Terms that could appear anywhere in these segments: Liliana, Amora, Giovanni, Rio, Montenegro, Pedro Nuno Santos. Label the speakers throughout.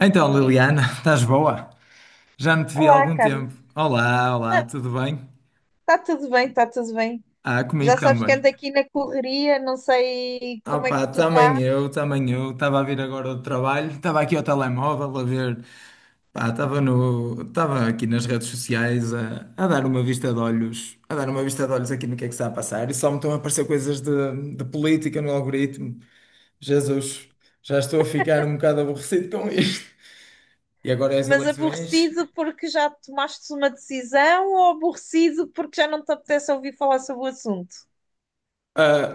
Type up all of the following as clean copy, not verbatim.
Speaker 1: Então, Liliana, estás boa? Já não te vi há
Speaker 2: Olá,
Speaker 1: algum tempo.
Speaker 2: Carlos.
Speaker 1: Olá, olá, tudo bem?
Speaker 2: Está tudo bem, está tudo bem.
Speaker 1: Ah,
Speaker 2: Já
Speaker 1: comigo
Speaker 2: sabes que
Speaker 1: também.
Speaker 2: ando aqui na correria, não sei como é que
Speaker 1: Opa,
Speaker 2: tu
Speaker 1: também
Speaker 2: estás,
Speaker 1: eu, também eu. Estava a vir agora do trabalho, estava aqui ao telemóvel a ver. Pá, estava no, estava aqui nas redes sociais a dar uma vista de olhos, a dar uma vista de olhos aqui no que é que está a passar. E só me estão a aparecer coisas de política no algoritmo. Jesus, já estou a ficar um bocado aborrecido com isto. E agora é as
Speaker 2: mas
Speaker 1: eleições.
Speaker 2: aborrecido porque já tomaste uma decisão ou aborrecido porque já não te apetece ouvir falar sobre o assunto?
Speaker 1: Ah,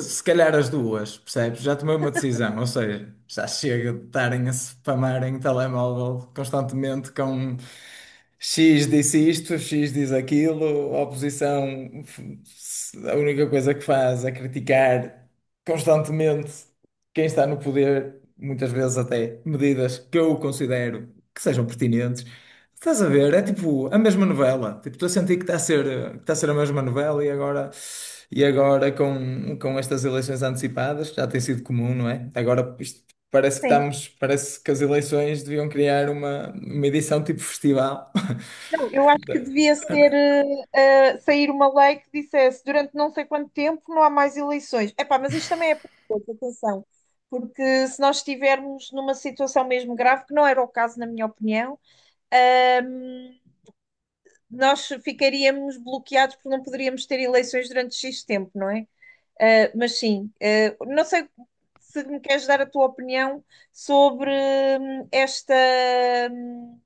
Speaker 1: se calhar as duas, percebes? Já tomei uma decisão, ou seja, já chega de estarem a spamarem telemóvel constantemente com X disse isto, X diz aquilo, a oposição, a única coisa que faz é criticar constantemente quem está no poder, muitas vezes até medidas que eu considero que sejam pertinentes. Estás a ver? É tipo a mesma novela. Tipo, estou a sentir que está a ser a mesma novela e agora, e agora com estas eleições antecipadas, que já tem sido comum, não é? Agora isto parece que
Speaker 2: Sim.
Speaker 1: estamos, parece que as eleições deviam criar uma edição tipo festival.
Speaker 2: Não, eu acho que
Speaker 1: Da-
Speaker 2: devia ser sair uma lei que dissesse durante não sei quanto tempo não há mais eleições. Epá, mas isto também é perigoso, atenção, porque se nós estivermos numa situação mesmo grave, que não era o caso, na minha opinião. Nós ficaríamos bloqueados porque não poderíamos ter eleições durante X tempo, não é? Mas sim, não sei se me queres dar a tua opinião sobre esta. hum,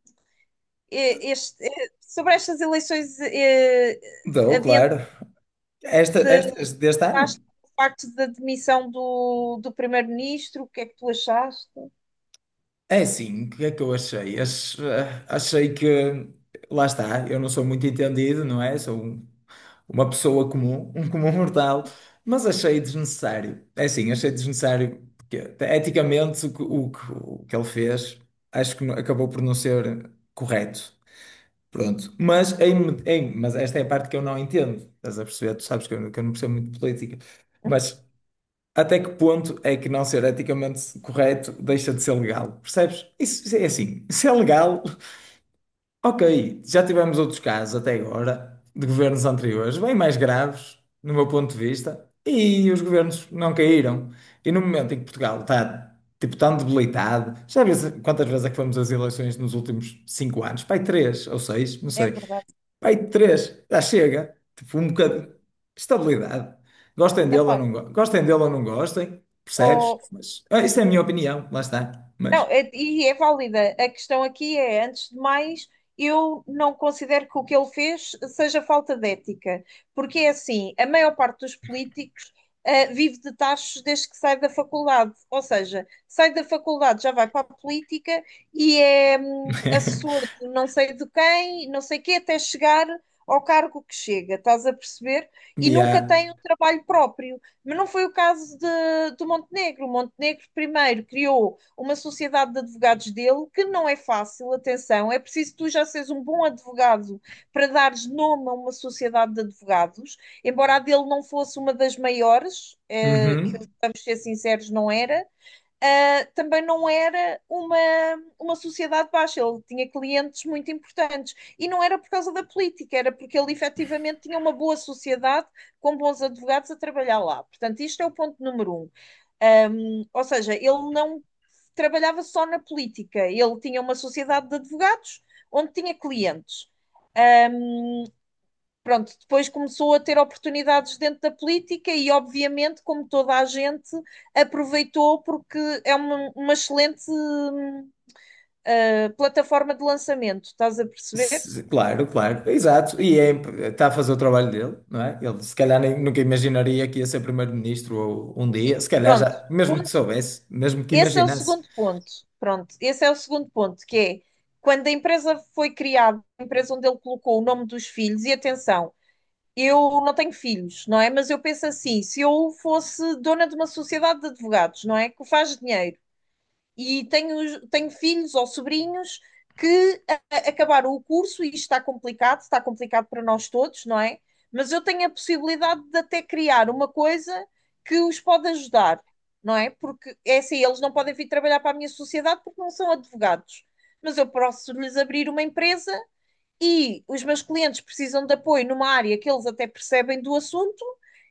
Speaker 2: Sobre estas eleições,
Speaker 1: Dou, claro. Estas deste ano?
Speaker 2: adiantaste o facto da demissão do primeiro-ministro, o que é que tu achaste?
Speaker 1: É, sim, o que é que eu achei? Achei que, lá está, eu não sou muito entendido, não é? Sou uma pessoa comum, um comum mortal, mas achei desnecessário. É assim, achei desnecessário, porque eticamente o que ele fez acho que acabou por não ser correto. Pronto. Mas, mas esta é a parte que eu não entendo. Estás a perceber? Tu sabes que eu não percebo muito de política. Mas até que ponto é que não ser eticamente correto deixa de ser legal? Percebes? Isso é assim. Se é legal. Ok, já tivemos outros casos até agora de governos anteriores, bem mais graves, no meu ponto de vista, e os governos não caíram. E no momento em que Portugal está tipo tão debilitado, já vês quantas vezes é que fomos às eleições nos últimos 5 anos? Pai, três ou seis, não
Speaker 2: É
Speaker 1: sei.
Speaker 2: verdade.
Speaker 1: Pai, três, já chega. Tipo, um bocado de estabilidade. Gostem dele
Speaker 2: Epá,
Speaker 1: ou não, gostem dele ou não gostem, percebes?
Speaker 2: ó.
Speaker 1: Mas, ah, isso é a minha opinião, lá está.
Speaker 2: Não,
Speaker 1: Mas.
Speaker 2: e é válida. A questão aqui é, antes de mais, eu não considero que o que ele fez seja falta de ética, porque é assim, a maior parte dos políticos vive de tachos desde que sai da faculdade, ou seja, sai da faculdade, já vai para a política e é assessor de não sei de quem, não sei quê, até chegar ao cargo que chega, estás a perceber? E
Speaker 1: Mia.
Speaker 2: nunca tem um trabalho próprio. Mas não foi o caso de, do Montenegro. O Montenegro primeiro criou uma sociedade de advogados dele, que não é fácil, atenção, é preciso tu já seres um bom advogado para dares nome a uma sociedade de advogados, embora a dele não fosse uma das maiores, que
Speaker 1: Uhum.
Speaker 2: vamos ser sinceros, não era. Também não era uma sociedade baixa, ele tinha clientes muito importantes. E não era por causa da política, era porque ele efetivamente tinha uma boa sociedade com bons advogados a trabalhar lá. Portanto, isto é o ponto número um. Um, ou seja, ele não trabalhava só na política, ele tinha uma sociedade de advogados onde tinha clientes. Pronto, depois começou a ter oportunidades dentro da política e, obviamente, como toda a gente, aproveitou porque é uma excelente plataforma de lançamento, estás a perceber?
Speaker 1: Claro, claro, exato. E está a fazer o trabalho dele, não é? Ele se calhar nunca imaginaria que ia ser primeiro-ministro um dia, se calhar
Speaker 2: Pronto,
Speaker 1: já, mesmo que
Speaker 2: ponto.
Speaker 1: soubesse, mesmo que
Speaker 2: Esse é o
Speaker 1: imaginasse.
Speaker 2: segundo ponto. Pronto, esse é o segundo ponto, que é quando a empresa foi criada, a empresa onde ele colocou o nome dos filhos, e atenção, eu não tenho filhos, não é? Mas eu penso assim: se eu fosse dona de uma sociedade de advogados, não é? Que faz dinheiro e tenho filhos ou sobrinhos que acabaram o curso e isto está complicado para nós todos, não é? Mas eu tenho a possibilidade de até criar uma coisa que os pode ajudar, não é? Porque é assim, eles não podem vir trabalhar para a minha sociedade porque não são advogados. Mas eu posso lhes abrir uma empresa e os meus clientes precisam de apoio numa área que eles até percebem do assunto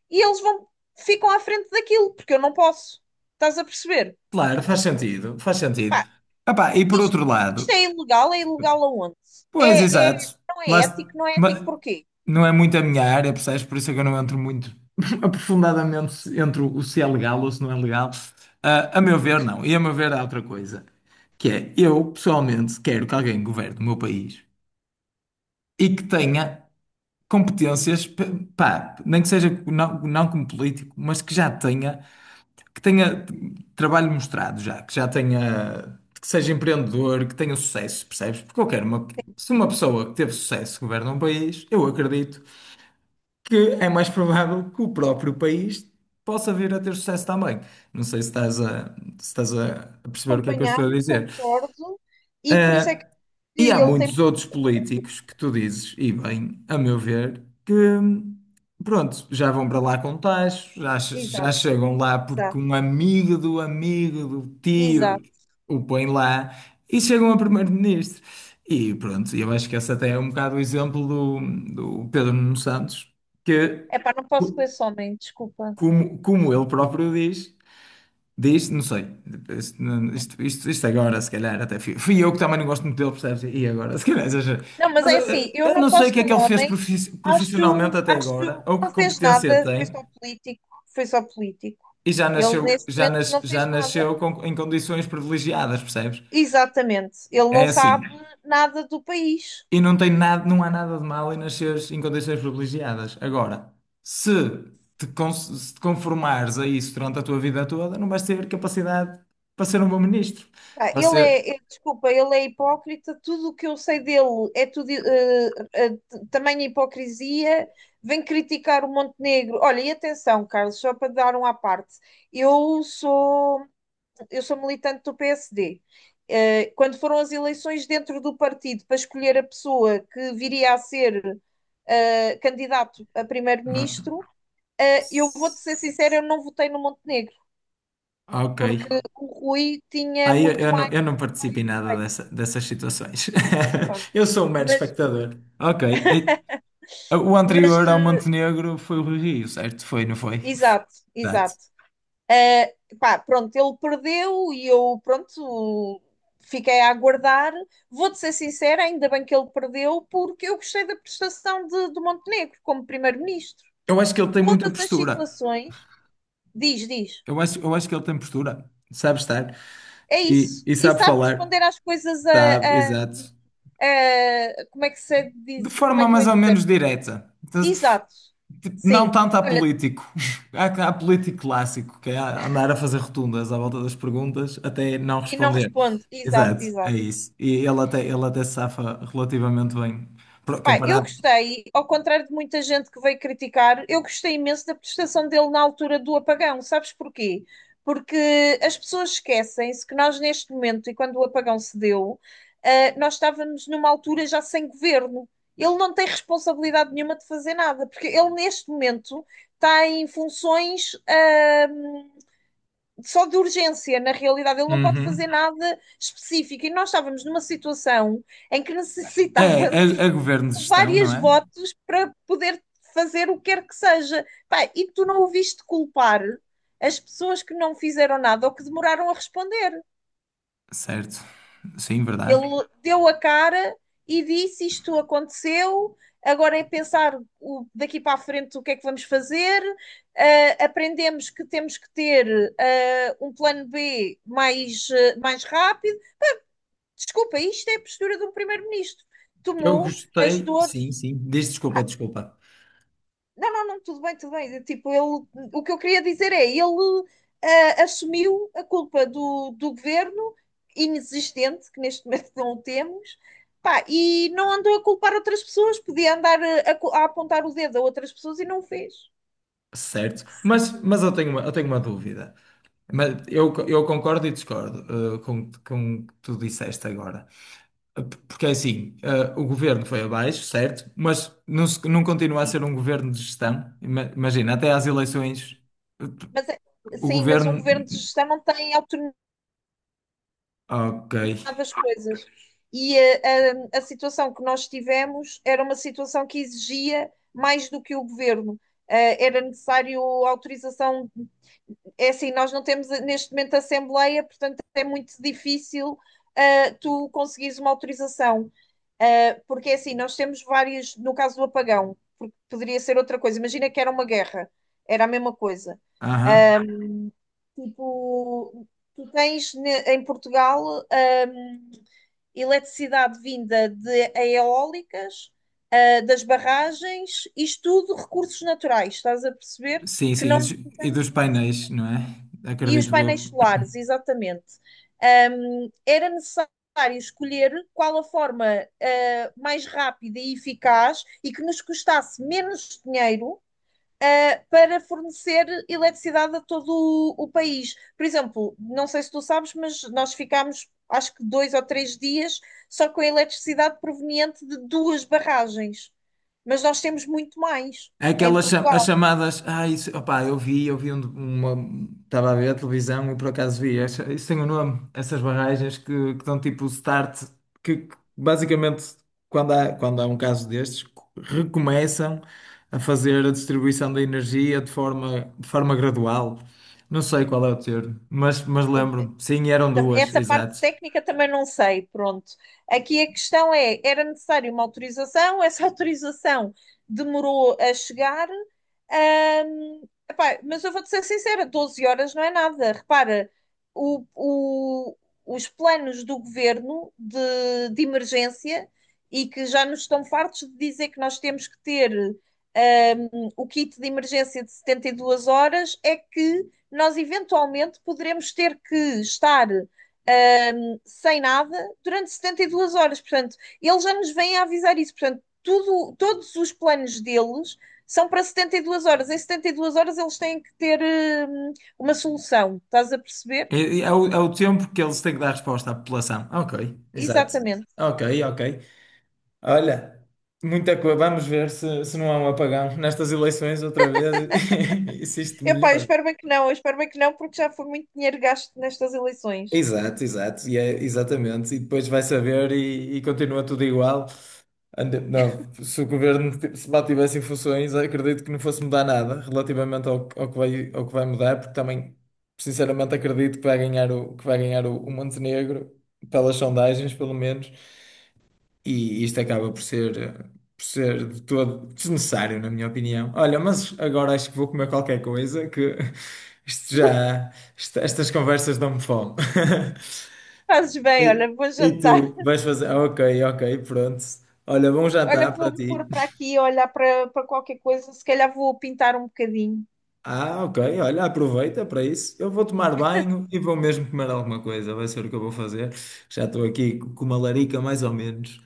Speaker 2: e eles vão, ficam à frente daquilo, porque eu não posso. Estás a perceber?
Speaker 1: Claro, faz sentido, faz sentido.
Speaker 2: Pá,
Speaker 1: Epá, e por
Speaker 2: isto,
Speaker 1: outro lado,
Speaker 2: isto é ilegal aonde?
Speaker 1: pois
Speaker 2: É, é,
Speaker 1: exato,
Speaker 2: não é
Speaker 1: lá,
Speaker 2: ético, não é ético
Speaker 1: ma-
Speaker 2: porquê?
Speaker 1: não é muito a minha área, percebes? Por isso é que eu não entro muito aprofundadamente entre o se é legal ou se não é legal. Ah, a meu ver, não. E a meu ver, há outra coisa, que é eu, pessoalmente, quero que alguém governe o meu país e que tenha competências. Pá, nem que seja não, não como político, mas que tenha trabalho mostrado já, que seja empreendedor, que tenha sucesso, percebes? Porque eu quero se uma pessoa que teve sucesso governa um país, eu acredito que é mais provável que o próprio país possa vir a ter sucesso também. Não sei se estás a perceber o que é que eu
Speaker 2: Acompanhar,
Speaker 1: estou a dizer.
Speaker 2: concordo, e por isso é que
Speaker 1: E há
Speaker 2: ele tem.
Speaker 1: muitos outros políticos que tu dizes, e bem, a meu ver, que, pronto, já vão para lá com tachos, já
Speaker 2: Exato,
Speaker 1: chegam lá porque
Speaker 2: exato,
Speaker 1: um amigo do tio
Speaker 2: exato.
Speaker 1: o põe lá e chegam a primeiro-ministro. E pronto, eu acho que esse até é um bocado o exemplo do Pedro Nuno Santos, que,
Speaker 2: É pá, não posso com
Speaker 1: co-
Speaker 2: esse homem, desculpa.
Speaker 1: como, como ele próprio diz. Diz, não sei. Isto, isto agora, se calhar, até fui, fui eu que também não gosto muito dele, percebes? E agora, se calhar, exagero.
Speaker 2: Não, mas
Speaker 1: Mas,
Speaker 2: é assim, eu
Speaker 1: eu
Speaker 2: não
Speaker 1: não sei o
Speaker 2: posso
Speaker 1: que
Speaker 2: com
Speaker 1: é que
Speaker 2: o
Speaker 1: ele fez
Speaker 2: homem,
Speaker 1: profissionalmente
Speaker 2: acho,
Speaker 1: até
Speaker 2: acho,
Speaker 1: agora, ou
Speaker 2: não
Speaker 1: que
Speaker 2: fez
Speaker 1: competência
Speaker 2: nada, foi
Speaker 1: tem,
Speaker 2: só político, foi só político.
Speaker 1: e já
Speaker 2: Ele
Speaker 1: nasceu,
Speaker 2: neste
Speaker 1: já
Speaker 2: momento
Speaker 1: nas,
Speaker 2: não
Speaker 1: já
Speaker 2: fez nada.
Speaker 1: nasceu com- em condições privilegiadas, percebes?
Speaker 2: Exatamente. Ele não
Speaker 1: É
Speaker 2: sabe
Speaker 1: assim.
Speaker 2: nada do país.
Speaker 1: E não tem nada, não há nada de mal em nasceres em condições privilegiadas. Agora, se te, con- se te conformares a isso durante a tua vida toda, não vais ter capacidade para ser um bom ministro.
Speaker 2: Pá,
Speaker 1: Para ser.
Speaker 2: Desculpa, ele é hipócrita. Tudo o que eu sei dele é tudo tamanha hipocrisia. Vem criticar o Montenegro. Olha, e atenção, Carlos, só para dar um à parte. Eu sou, eu sou militante do PSD. Quando foram as eleições dentro do partido para escolher a pessoa que viria a ser candidato a primeiro-ministro, eu vou-te ser sincera, eu não votei no Montenegro,
Speaker 1: Ok.
Speaker 2: porque o Rui tinha
Speaker 1: Aí eu,
Speaker 2: muito
Speaker 1: eu não,
Speaker 2: mais
Speaker 1: eu não participo em nada
Speaker 2: feito,
Speaker 1: dessas situações.
Speaker 2: pronto.
Speaker 1: Eu sou um mero
Speaker 2: Mas,
Speaker 1: espectador. Ok. O
Speaker 2: mas,
Speaker 1: anterior ao
Speaker 2: eh,
Speaker 1: Montenegro foi o Rio, certo? Foi, não foi?
Speaker 2: exato,
Speaker 1: Exato.
Speaker 2: exato. Pá, pronto, ele perdeu e eu, pronto, fiquei a aguardar. Vou-te ser sincera, ainda bem que ele perdeu, porque eu gostei da prestação de, do Montenegro como primeiro-ministro.
Speaker 1: Eu acho que ele tem muita
Speaker 2: Todas as
Speaker 1: postura.
Speaker 2: situações, diz, diz.
Speaker 1: Eu acho que ele tem postura. Sabe estar.
Speaker 2: É
Speaker 1: E,
Speaker 2: isso.
Speaker 1: e
Speaker 2: E
Speaker 1: sabe
Speaker 2: sabe
Speaker 1: falar.
Speaker 2: responder às coisas
Speaker 1: Sabe, exato.
Speaker 2: como é que se
Speaker 1: De
Speaker 2: diz, como é
Speaker 1: forma
Speaker 2: que eu
Speaker 1: mais
Speaker 2: ia
Speaker 1: ou
Speaker 2: dizer?
Speaker 1: menos direta. Então,
Speaker 2: Exato,
Speaker 1: não
Speaker 2: sim.
Speaker 1: tanto há político. Há político clássico, que é andar a fazer rotundas à volta das perguntas até não
Speaker 2: E não
Speaker 1: responder.
Speaker 2: responde. Exato,
Speaker 1: Exato, é
Speaker 2: exato.
Speaker 1: isso. E ele até se safa relativamente bem,
Speaker 2: Pá, eu
Speaker 1: comparado.
Speaker 2: gostei, ao contrário de muita gente que veio criticar, eu gostei imenso da prestação dele na altura do apagão. Sabes porquê? Porque as pessoas esquecem-se que nós, neste momento, e quando o apagão se deu, nós estávamos numa altura já sem governo. Ele não tem responsabilidade nenhuma de fazer nada, porque ele, neste momento, está em funções, só de urgência, na realidade, ele não pode
Speaker 1: Uhum.
Speaker 2: fazer nada específico. E nós estávamos numa situação em que
Speaker 1: É,
Speaker 2: necessitávamos
Speaker 1: a governo de
Speaker 2: de
Speaker 1: gestão, não
Speaker 2: vários
Speaker 1: é?
Speaker 2: votos para poder fazer o que quer que seja. Pá, e tu não ouviste culpar as pessoas que não fizeram nada ou que demoraram a responder.
Speaker 1: Certo. Sim, verdade.
Speaker 2: Ele deu a cara e disse: Isto aconteceu, agora é pensar daqui para a frente o que é que vamos fazer. Aprendemos que temos que ter um plano B mais, mais rápido. Desculpa, isto é a postura de um primeiro-ministro.
Speaker 1: Eu
Speaker 2: Tomou as
Speaker 1: gostei,
Speaker 2: dores.
Speaker 1: sim, sim. Diz, desculpa, desculpa.
Speaker 2: Não, não, não, tudo bem, tudo bem. Tipo, ele, o que eu queria dizer é, ele assumiu a culpa do governo inexistente, que neste momento não o temos, pá, e não andou a culpar outras pessoas, podia andar a apontar o dedo a outras pessoas e não o fez.
Speaker 1: Certo. Mas, eu tenho uma dúvida. Mas eu concordo e discordo, com o que tu disseste agora. Porque é assim, eh, o governo foi abaixo, certo? Mas não, não continua a
Speaker 2: Sim,
Speaker 1: ser um governo de gestão. Imagina, até às eleições, eh,
Speaker 2: mas, é-
Speaker 1: o
Speaker 2: sim, mas um governo de
Speaker 1: governo.
Speaker 2: gestão não tem autonomia
Speaker 1: Ok.
Speaker 2: das coisas. E a situação que nós tivemos era uma situação que exigia mais do que o governo. Era necessário autorização. É assim, nós não temos neste momento assembleia, portanto é muito difícil, tu conseguires uma autorização. Porque é assim, nós temos várias, no caso do apagão, porque poderia ser outra coisa. Imagina que era uma guerra, era a mesma coisa.
Speaker 1: Aham.
Speaker 2: Tipo, em Portugal eletricidade vinda de eólicas, das barragens, isto tudo recursos naturais, estás a perceber?
Speaker 1: Sim,
Speaker 2: Que
Speaker 1: sim.
Speaker 2: não
Speaker 1: E dos e
Speaker 2: precisamos
Speaker 1: dos
Speaker 2: de mais.
Speaker 1: painéis, não é?
Speaker 2: E os
Speaker 1: Acredito
Speaker 2: painéis
Speaker 1: eu.
Speaker 2: solares, exatamente. Era necessário escolher qual a forma mais rápida e eficaz e que nos custasse menos dinheiro para fornecer eletricidade a todo o país. Por exemplo, não sei se tu sabes, mas nós ficámos acho que dois ou três dias só com a eletricidade proveniente de duas barragens. Mas nós temos muito mais
Speaker 1: É.
Speaker 2: em
Speaker 1: As
Speaker 2: Portugal.
Speaker 1: chamadas. Ah, isso, opá, eu vi uma. Estava a ver a televisão e por acaso vi. Isso tem um nome, essas barragens que dão tipo start, que basicamente quando há um caso destes, recomeçam a fazer a distribuição da energia de forma gradual. Não sei qual é o termo, mas, lembro-me. Sim, eram duas,
Speaker 2: Essa parte
Speaker 1: exato.
Speaker 2: técnica também não sei, pronto. Aqui a questão é, era necessário uma autorização, essa autorização demorou a chegar. Ahm, Epá, mas eu vou-te ser sincera, 12 horas não é nada. Repara, o- o- os planos do governo de emergência e que já nos estão fartos de dizer que nós temos que ter o kit de emergência de 72 horas é que nós eventualmente poderemos ter que estar sem nada, durante 72 horas. Portanto, eles já nos vêm a avisar isso. Portanto, tudo, todos os planos deles são para 72 horas. Em 72 horas eles têm que ter hum, uma solução. Estás a perceber?
Speaker 1: É o tempo que eles têm que dar resposta à população. Ok, exato.
Speaker 2: Exatamente.
Speaker 1: Ok, ok. Olha, muita coisa. Vamos ver se não há um apagão nestas eleições outra vez e se isto
Speaker 2: Epá, eu
Speaker 1: melhor.
Speaker 2: espero bem que não, eu espero bem que não, porque já foi muito dinheiro gasto nestas eleições.
Speaker 1: Exato, exato, e é, exatamente. E depois vai saber e continua tudo igual. Não, se o governo se mantivesse em funções, acredito que não fosse mudar nada relativamente ao que vai mudar, porque também, sinceramente, acredito que vai ganhar o Montenegro, pelas sondagens, pelo menos. E isto acaba por ser de todo desnecessário, na minha opinião. Olha, mas agora acho que vou comer qualquer coisa, que isto já, estas conversas dão-me fome.
Speaker 2: Fazes bem,
Speaker 1: E,
Speaker 2: olha, vou
Speaker 1: e
Speaker 2: jantar.
Speaker 1: tu vais fazer? Ah, ok, ok, pronto. Olha, bom
Speaker 2: Olha,
Speaker 1: jantar para
Speaker 2: vou-me pôr
Speaker 1: ti.
Speaker 2: para aqui, olhar para, para qualquer coisa. Se calhar vou pintar um bocadinho.
Speaker 1: Ah, ok, olha, aproveita para isso. Eu vou tomar banho e vou mesmo comer alguma coisa, vai ser o que eu vou fazer. Já estou aqui com uma larica, mais ou menos.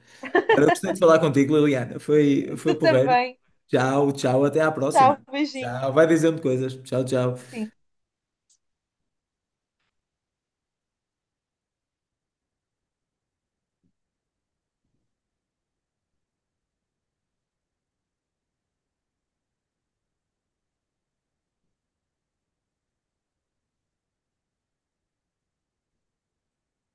Speaker 1: Olha, eu gostei de falar contigo, Liliana. Foi,
Speaker 2: Tu
Speaker 1: foi porreiro.
Speaker 2: também.
Speaker 1: Tchau, tchau, até à próxima.
Speaker 2: Tchau, beijinho.
Speaker 1: Tchau, vai dizendo coisas. Tchau, tchau.
Speaker 2: Sim.